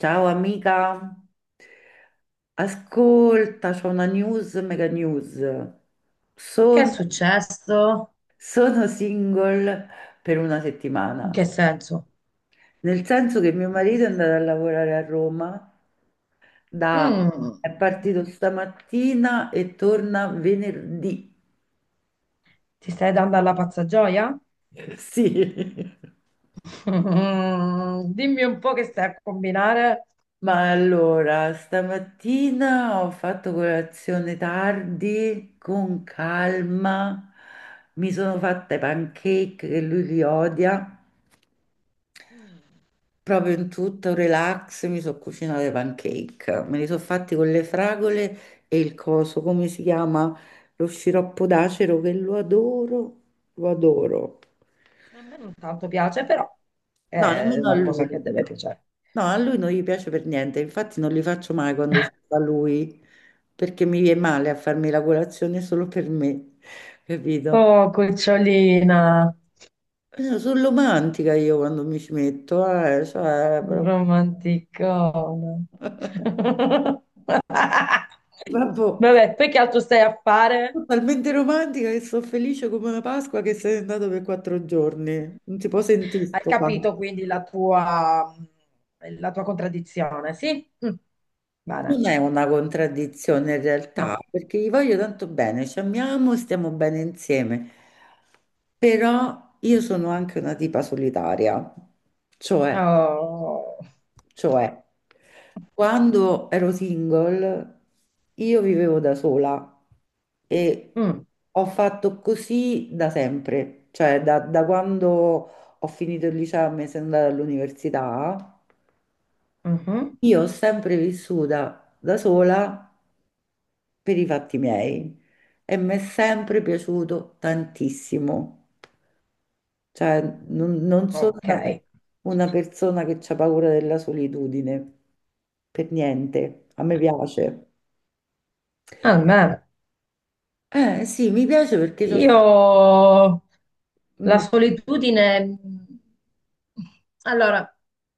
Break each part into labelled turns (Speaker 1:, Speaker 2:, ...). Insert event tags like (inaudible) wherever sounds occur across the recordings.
Speaker 1: Ciao amica, ascolta, c'ho una news, mega news.
Speaker 2: Che è
Speaker 1: Sono,
Speaker 2: successo?
Speaker 1: sono single per una
Speaker 2: In
Speaker 1: settimana,
Speaker 2: che senso?
Speaker 1: nel senso che mio marito è andato a lavorare a Roma, da-
Speaker 2: Mm,
Speaker 1: è partito stamattina e torna venerdì.
Speaker 2: ti stai dando alla pazza gioia?
Speaker 1: (laughs) Sì.
Speaker 2: (laughs) Mm, dimmi un po' che stai a combinare.
Speaker 1: Ma allora, stamattina ho fatto colazione tardi, con calma, mi sono fatta i pancake che lui li odia,
Speaker 2: Mm,
Speaker 1: proprio in tutto relax, mi sono cucinato i pancake, me li sono fatti con le fragole e il coso, come si chiama? Lo sciroppo d'acero che lo adoro, lo adoro.
Speaker 2: a me non tanto piace, però
Speaker 1: No,
Speaker 2: è
Speaker 1: nemmeno a
Speaker 2: una cosa
Speaker 1: lui.
Speaker 2: che deve piacere.
Speaker 1: No, a lui non gli piace per niente, infatti non li faccio mai quando ci
Speaker 2: (laughs)
Speaker 1: va lui, perché mi viene male a farmi la colazione solo per me, (laughs) capito?
Speaker 2: Oh, cucciolina,
Speaker 1: Sono romantica io quando mi ci metto, cioè,
Speaker 2: un
Speaker 1: proprio...
Speaker 2: romanticone.
Speaker 1: (laughs)
Speaker 2: (laughs)
Speaker 1: Vabbè,
Speaker 2: Vabbè, poi che altro stai a fare?
Speaker 1: sono talmente romantica che sono felice come una Pasqua che sei andato per 4 giorni, non si può sentire
Speaker 2: Hai
Speaker 1: sto qua.
Speaker 2: capito quindi la tua contraddizione, sì? Mm. Bene,
Speaker 1: Non è una contraddizione in realtà,
Speaker 2: no.
Speaker 1: perché gli voglio tanto bene, ci amiamo, stiamo bene insieme, però io sono anche una tipa solitaria, cioè,
Speaker 2: Oh.
Speaker 1: cioè, quando ero single io vivevo da sola e
Speaker 2: Mm.
Speaker 1: ho fatto così da sempre, cioè da quando ho finito il liceo e mi sono andata all'università,
Speaker 2: Mhm.
Speaker 1: io ho sempre vissuta da sola per i fatti miei e mi è sempre piaciuto tantissimo. Cioè, non sono
Speaker 2: Ok,
Speaker 1: una persona che ha paura della solitudine, per niente. A me piace.
Speaker 2: almeno
Speaker 1: Eh sì, mi piace perché c'ho...
Speaker 2: io la
Speaker 1: Mm,
Speaker 2: solitudine... allora,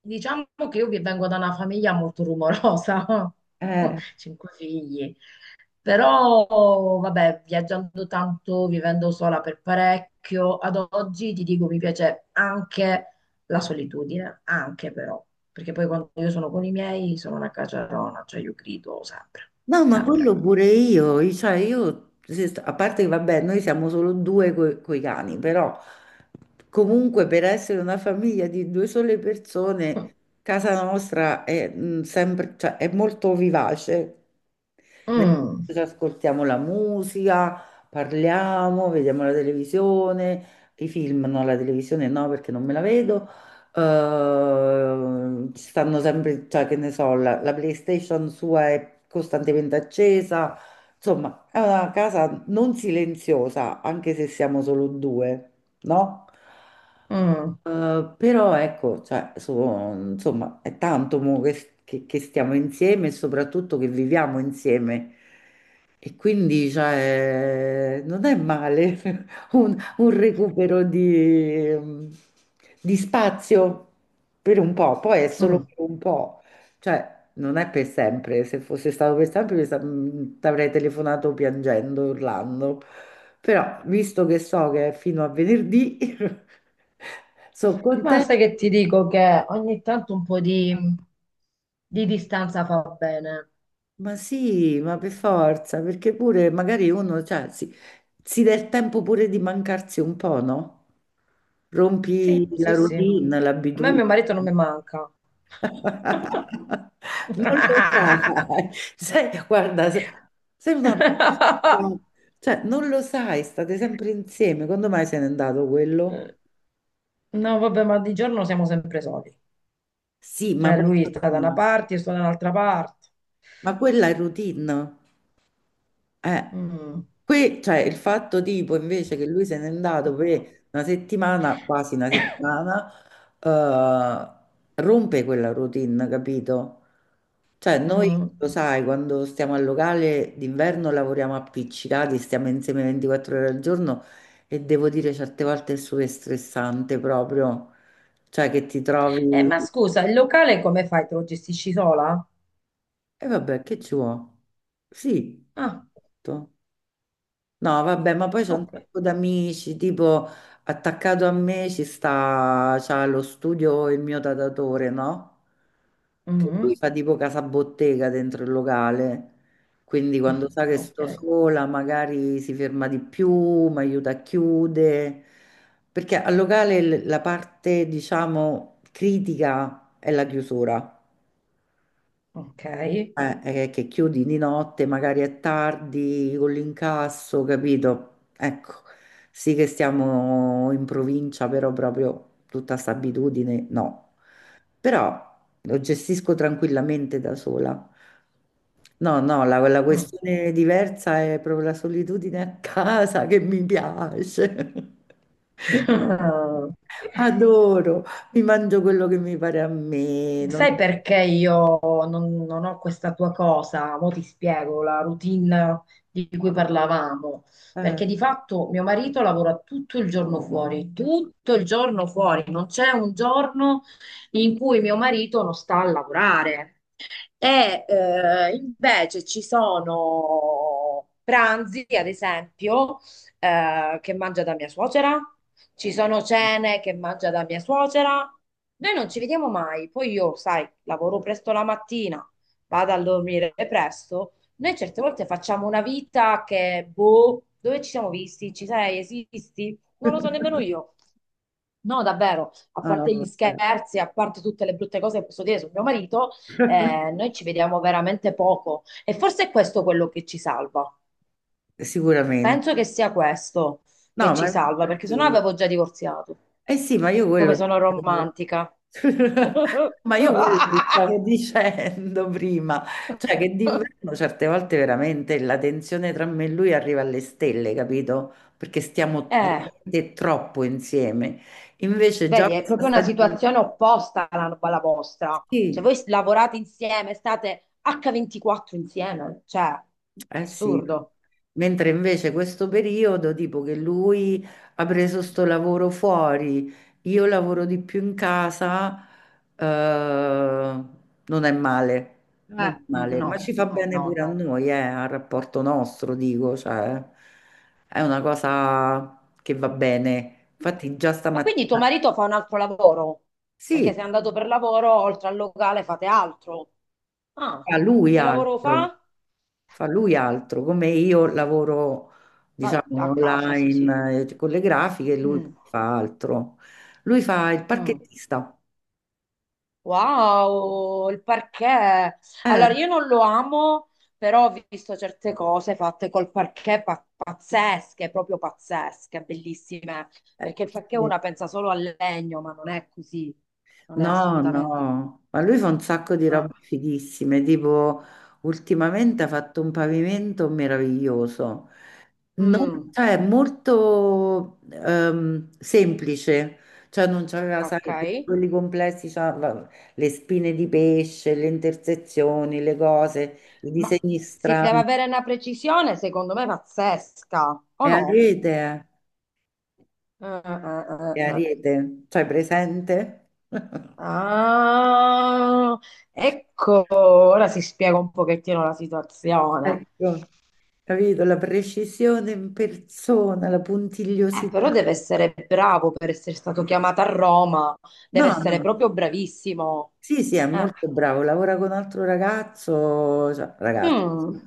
Speaker 2: diciamo che io vi vengo da una famiglia molto rumorosa, (laughs)
Speaker 1: eh.
Speaker 2: cinque figli. Però, vabbè, viaggiando tanto, vivendo sola per parecchio, ad oggi ti dico mi piace anche la solitudine, anche però, perché poi quando io sono con i miei sono una caciarona, cioè io grido sempre,
Speaker 1: No, ma
Speaker 2: sempre.
Speaker 1: quello pure io, cioè io, se st- a parte che vabbè, noi siamo solo due coi cani, però comunque per essere una famiglia di due sole
Speaker 2: Mm,
Speaker 1: persone, casa nostra è, mm, sempre, cioè, è molto vivace. Nel
Speaker 2: mm,
Speaker 1: senso che ascoltiamo la musica, parliamo, vediamo la televisione, i film, no, la televisione no perché non me la vedo. Ci stanno sempre, cioè che ne so, la PlayStation sua è costantemente accesa. Insomma, è una casa non silenziosa, anche se siamo solo due, no?
Speaker 2: mm.
Speaker 1: Però ecco, cioè, insomma, è tanto mo che, che stiamo insieme e soprattutto che viviamo insieme. E quindi, cioè, non è male (laughs) un recupero di spazio per un po', poi è solo
Speaker 2: Mm.
Speaker 1: per un po', cioè, non è per sempre. Se fosse stato per sempre, ti avrei telefonato piangendo, urlando. Però, visto che so che è fino a venerdì, (laughs) sono
Speaker 2: Ma
Speaker 1: contenta.
Speaker 2: sai che ti dico che ogni tanto un po' di distanza fa bene.
Speaker 1: Ma sì, ma per forza, perché pure magari uno, cioè, si dà il tempo pure di mancarsi un po', no? Rompi
Speaker 2: Sì,
Speaker 1: la
Speaker 2: sì, sì.
Speaker 1: routine,
Speaker 2: A me
Speaker 1: l'abitudine.
Speaker 2: mio marito non mi manca.
Speaker 1: (laughs) Non lo
Speaker 2: (laughs)
Speaker 1: sai. Sai, guarda, sei una... persona...
Speaker 2: (laughs)
Speaker 1: Cioè, non lo sai, state sempre insieme. Quando mai se n'è andato quello?
Speaker 2: No, vabbè, ma di giorno siamo sempre soli.
Speaker 1: Sì, ma...
Speaker 2: Cioè,
Speaker 1: poi...
Speaker 2: lui sta da una parte, io sto da un'altra parte.
Speaker 1: Ma quella è routine. Eh.
Speaker 2: Mm.
Speaker 1: Qui cioè, il fatto tipo invece che lui se n'è andato per una settimana, quasi una
Speaker 2: (coughs)
Speaker 1: settimana, rompe quella routine, capito? Cioè noi,
Speaker 2: Mm.
Speaker 1: lo sai, quando stiamo al locale d'inverno lavoriamo appiccicati, stiamo insieme 24 ore al giorno e devo dire certe volte è super stressante proprio, cioè che ti trovi...
Speaker 2: Ma scusa, il locale come fai? Te lo gestisci sola?
Speaker 1: E vabbè, che ci vuole? Sì.
Speaker 2: Ah,
Speaker 1: Tutto. No, vabbè, ma poi c'è un
Speaker 2: ok.
Speaker 1: sacco d'amici, tipo attaccato a me ci sta, c'ha lo studio il mio datatore, no? Che lui
Speaker 2: Mm.
Speaker 1: fa tipo casa bottega dentro il locale, quindi quando sa che
Speaker 2: Ok,
Speaker 1: sto sola magari si ferma di più, mi aiuta a chiudere, perché al locale la parte, diciamo, critica è la chiusura.
Speaker 2: ok.
Speaker 1: Che chiudi di notte, magari è tardi con l'incasso, capito? Ecco, sì che stiamo in provincia, però proprio tutta sta abitudine, no. Però lo gestisco tranquillamente da sola. No, no, la
Speaker 2: Mm.
Speaker 1: questione diversa è proprio la solitudine a casa che mi piace. (laughs)
Speaker 2: (laughs)
Speaker 1: Adoro, mi mangio quello che mi pare a me.
Speaker 2: Sai perché io non ho questa tua cosa? Mo' ti spiego la routine di cui parlavamo.
Speaker 1: Eh,
Speaker 2: Perché di fatto mio marito lavora tutto il giorno fuori, tutto il giorno fuori. Non c'è un giorno in cui mio marito non sta a lavorare. E invece ci sono pranzi, ad esempio, che mangia da mia suocera, ci sono cene che mangia da mia suocera. Noi non ci vediamo mai, poi io, sai, lavoro presto la mattina, vado a dormire presto. Noi certe volte facciamo una vita che, boh, dove ci siamo visti? Ci sei? Esisti? Non lo so nemmeno io. No, davvero, a
Speaker 1: ah,
Speaker 2: parte gli
Speaker 1: vabbè.
Speaker 2: scherzi, a parte tutte le brutte cose che posso dire sul mio marito, noi ci vediamo veramente poco e forse è questo quello che ci salva.
Speaker 1: Sicuramente.
Speaker 2: Penso che sia questo che
Speaker 1: No,
Speaker 2: ci
Speaker 1: ma
Speaker 2: salva, perché sennò
Speaker 1: infatti...
Speaker 2: avevo già divorziato.
Speaker 1: eh sì, ma io
Speaker 2: Come
Speaker 1: quello
Speaker 2: sono
Speaker 1: dicevo.
Speaker 2: romantica.
Speaker 1: (laughs)
Speaker 2: (laughs)
Speaker 1: Ma io quello ti stavo dicendo prima, cioè che d'inverno certe volte veramente la tensione tra me e lui arriva alle stelle, capito? Perché stiamo
Speaker 2: Eh,
Speaker 1: veramente troppo insieme. Invece già
Speaker 2: vedi, è
Speaker 1: questa
Speaker 2: proprio una
Speaker 1: stagione,
Speaker 2: situazione opposta alla, alla vostra. Cioè,
Speaker 1: sì,
Speaker 2: voi lavorate insieme, state H24 insieme, cioè,
Speaker 1: eh sì,
Speaker 2: assurdo.
Speaker 1: mentre invece questo periodo, tipo che lui ha preso sto lavoro fuori, io lavoro di più in casa, eh, non è male, non è
Speaker 2: Eh,
Speaker 1: male,
Speaker 2: no,
Speaker 1: ma ci fa
Speaker 2: no,
Speaker 1: bene
Speaker 2: no,
Speaker 1: pure a
Speaker 2: no.
Speaker 1: noi, al rapporto nostro, dico, cioè, è una cosa che va bene. Infatti già
Speaker 2: Ma quindi tuo
Speaker 1: stamattina,
Speaker 2: marito fa un altro lavoro?
Speaker 1: sì,
Speaker 2: Perché se è andato per lavoro, oltre al locale fate altro. Ah,
Speaker 1: a lui
Speaker 2: che lavoro
Speaker 1: altro.
Speaker 2: fa?
Speaker 1: Fa lui altro, come io lavoro,
Speaker 2: Vabbè,
Speaker 1: diciamo,
Speaker 2: a casa, sì, sì.
Speaker 1: online con le grafiche, lui
Speaker 2: Mm,
Speaker 1: fa altro. Lui fa il
Speaker 2: mm.
Speaker 1: parchettista.
Speaker 2: Wow, il parquet.
Speaker 1: Eh,
Speaker 2: Allora, io non lo amo, però ho visto certe cose fatte col parquet pa- pazzesche, proprio pazzesche, bellissime.
Speaker 1: eh,
Speaker 2: Perché il parquet
Speaker 1: sì.
Speaker 2: una pensa solo al legno, ma non è così. Non è
Speaker 1: No,
Speaker 2: assolutamente.
Speaker 1: no, ma lui fa un sacco di robe
Speaker 2: Ah,
Speaker 1: fighissime, tipo ultimamente ha fatto un pavimento meraviglioso. No,
Speaker 2: mm,
Speaker 1: cioè molto semplice, cioè non c'aveva,
Speaker 2: ok.
Speaker 1: sai, quelli complessi, c'aveva le spine di pesce, le intersezioni, le cose, i
Speaker 2: Ma
Speaker 1: disegni
Speaker 2: si deve
Speaker 1: strani.
Speaker 2: avere una precisione, secondo me, pazzesca,
Speaker 1: È
Speaker 2: o
Speaker 1: a
Speaker 2: no?
Speaker 1: rete, è a
Speaker 2: Eh.
Speaker 1: rete, cioè presente? (laughs)
Speaker 2: Ah, ecco, ora si spiega un pochettino la situazione.
Speaker 1: Ecco, capito? La precisione in persona, la puntigliosità.
Speaker 2: Però deve essere bravo per essere stato chiamato a Roma, deve
Speaker 1: No,
Speaker 2: essere
Speaker 1: no.
Speaker 2: proprio bravissimo.
Speaker 1: Sì, sì, è
Speaker 2: Eh,
Speaker 1: molto bravo, lavora con un altro ragazzo, cioè, ragazzo,
Speaker 2: mm,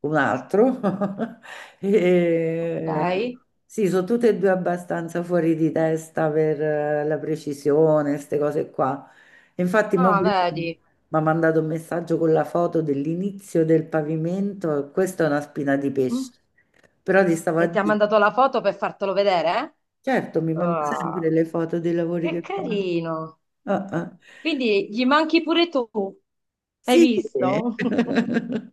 Speaker 1: un altro. (laughs) E...
Speaker 2: ok.
Speaker 1: Sì, sono tutte e due abbastanza fuori di testa per la precisione, queste cose qua. E infatti, mo
Speaker 2: Ah,
Speaker 1: prima mi
Speaker 2: vedi.
Speaker 1: ha mandato un messaggio con la foto dell'inizio del pavimento, questa è una spina di
Speaker 2: Mm.
Speaker 1: pesce. Però ti stavo a
Speaker 2: E ti ha
Speaker 1: dire,
Speaker 2: mandato la foto per fartelo vedere?
Speaker 1: certo, mi
Speaker 2: Eh?
Speaker 1: manda sempre
Speaker 2: Ah,
Speaker 1: le foto dei lavori
Speaker 2: che
Speaker 1: che fa.
Speaker 2: carino.
Speaker 1: Ah, ah.
Speaker 2: Quindi gli manchi pure tu, hai
Speaker 1: Sì, sì.
Speaker 2: visto?
Speaker 1: (laughs)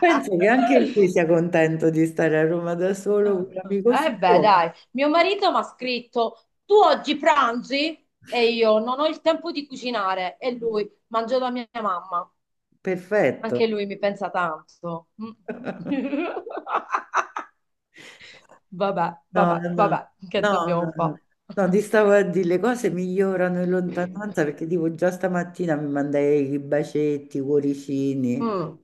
Speaker 1: Penso che anche lui sia contento di stare a Roma da solo con l'amico
Speaker 2: Eh beh,
Speaker 1: suo.
Speaker 2: dai, mio marito mi ha scritto, tu oggi pranzi? E io non ho il tempo di cucinare. E lui, mangio da mia mamma.
Speaker 1: Perfetto.
Speaker 2: Anche lui mi pensa tanto. Mm.
Speaker 1: (laughs)
Speaker 2: (laughs) Vabbè,
Speaker 1: No,
Speaker 2: vabbè,
Speaker 1: no, no,
Speaker 2: vabbè, che
Speaker 1: no,
Speaker 2: dobbiamo
Speaker 1: no.
Speaker 2: fare?
Speaker 1: No, ti stavo a dire, le cose migliorano in lontananza perché tipo già stamattina mi mandai i bacetti, i cuoricini.
Speaker 2: Mm,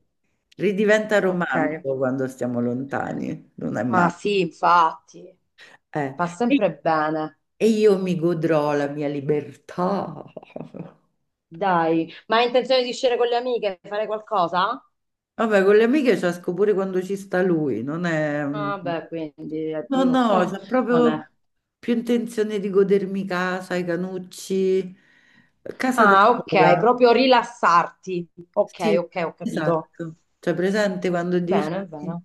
Speaker 1: Ridiventa
Speaker 2: ok,
Speaker 1: romantico quando stiamo lontani, non è
Speaker 2: ma
Speaker 1: male.
Speaker 2: sì, infatti,
Speaker 1: Eh,
Speaker 2: fa
Speaker 1: E
Speaker 2: sempre bene.
Speaker 1: e io mi godrò la mia libertà. (laughs)
Speaker 2: Dai, ma hai intenzione di uscire con le amiche, fare qualcosa?
Speaker 1: Vabbè, con le amiche ci esco pure quando ci sta lui, non è... mm,
Speaker 2: Ah, beh, quindi
Speaker 1: no,
Speaker 2: addio.
Speaker 1: no,
Speaker 2: (laughs)
Speaker 1: c'è
Speaker 2: Non
Speaker 1: proprio
Speaker 2: è.
Speaker 1: più intenzione di godermi casa, i canucci, casa da
Speaker 2: Ah, ok,
Speaker 1: sola.
Speaker 2: proprio rilassarti. Ok,
Speaker 1: Sì,
Speaker 2: ok, ho capito.
Speaker 1: esatto. Cioè, presente quando
Speaker 2: Bene,
Speaker 1: dici...
Speaker 2: bene.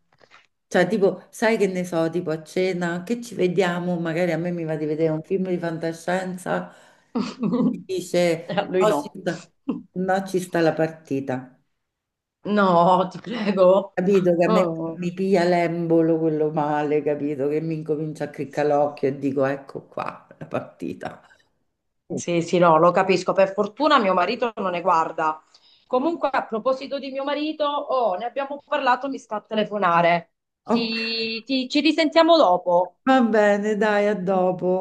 Speaker 1: Cioè, tipo, sai che ne so, tipo a cena, che ci vediamo, magari a me mi va di vedere un film di fantascienza, mi
Speaker 2: (laughs)
Speaker 1: dice,
Speaker 2: A lui
Speaker 1: "Oh,
Speaker 2: no. (laughs)
Speaker 1: no, ci sta la partita."
Speaker 2: No, ti prego.
Speaker 1: Capito che a me
Speaker 2: Oh,
Speaker 1: mi piglia l'embolo quello male, capito che mi incomincia a criccare l'occhio e dico ecco qua la partita. Mm.
Speaker 2: sì, sì, no, lo capisco. Per fortuna mio marito non ne guarda. Comunque, a proposito di mio marito, oh, ne abbiamo parlato, mi sta a telefonare.
Speaker 1: Ok,
Speaker 2: Ci risentiamo dopo.
Speaker 1: va bene, dai, a dopo.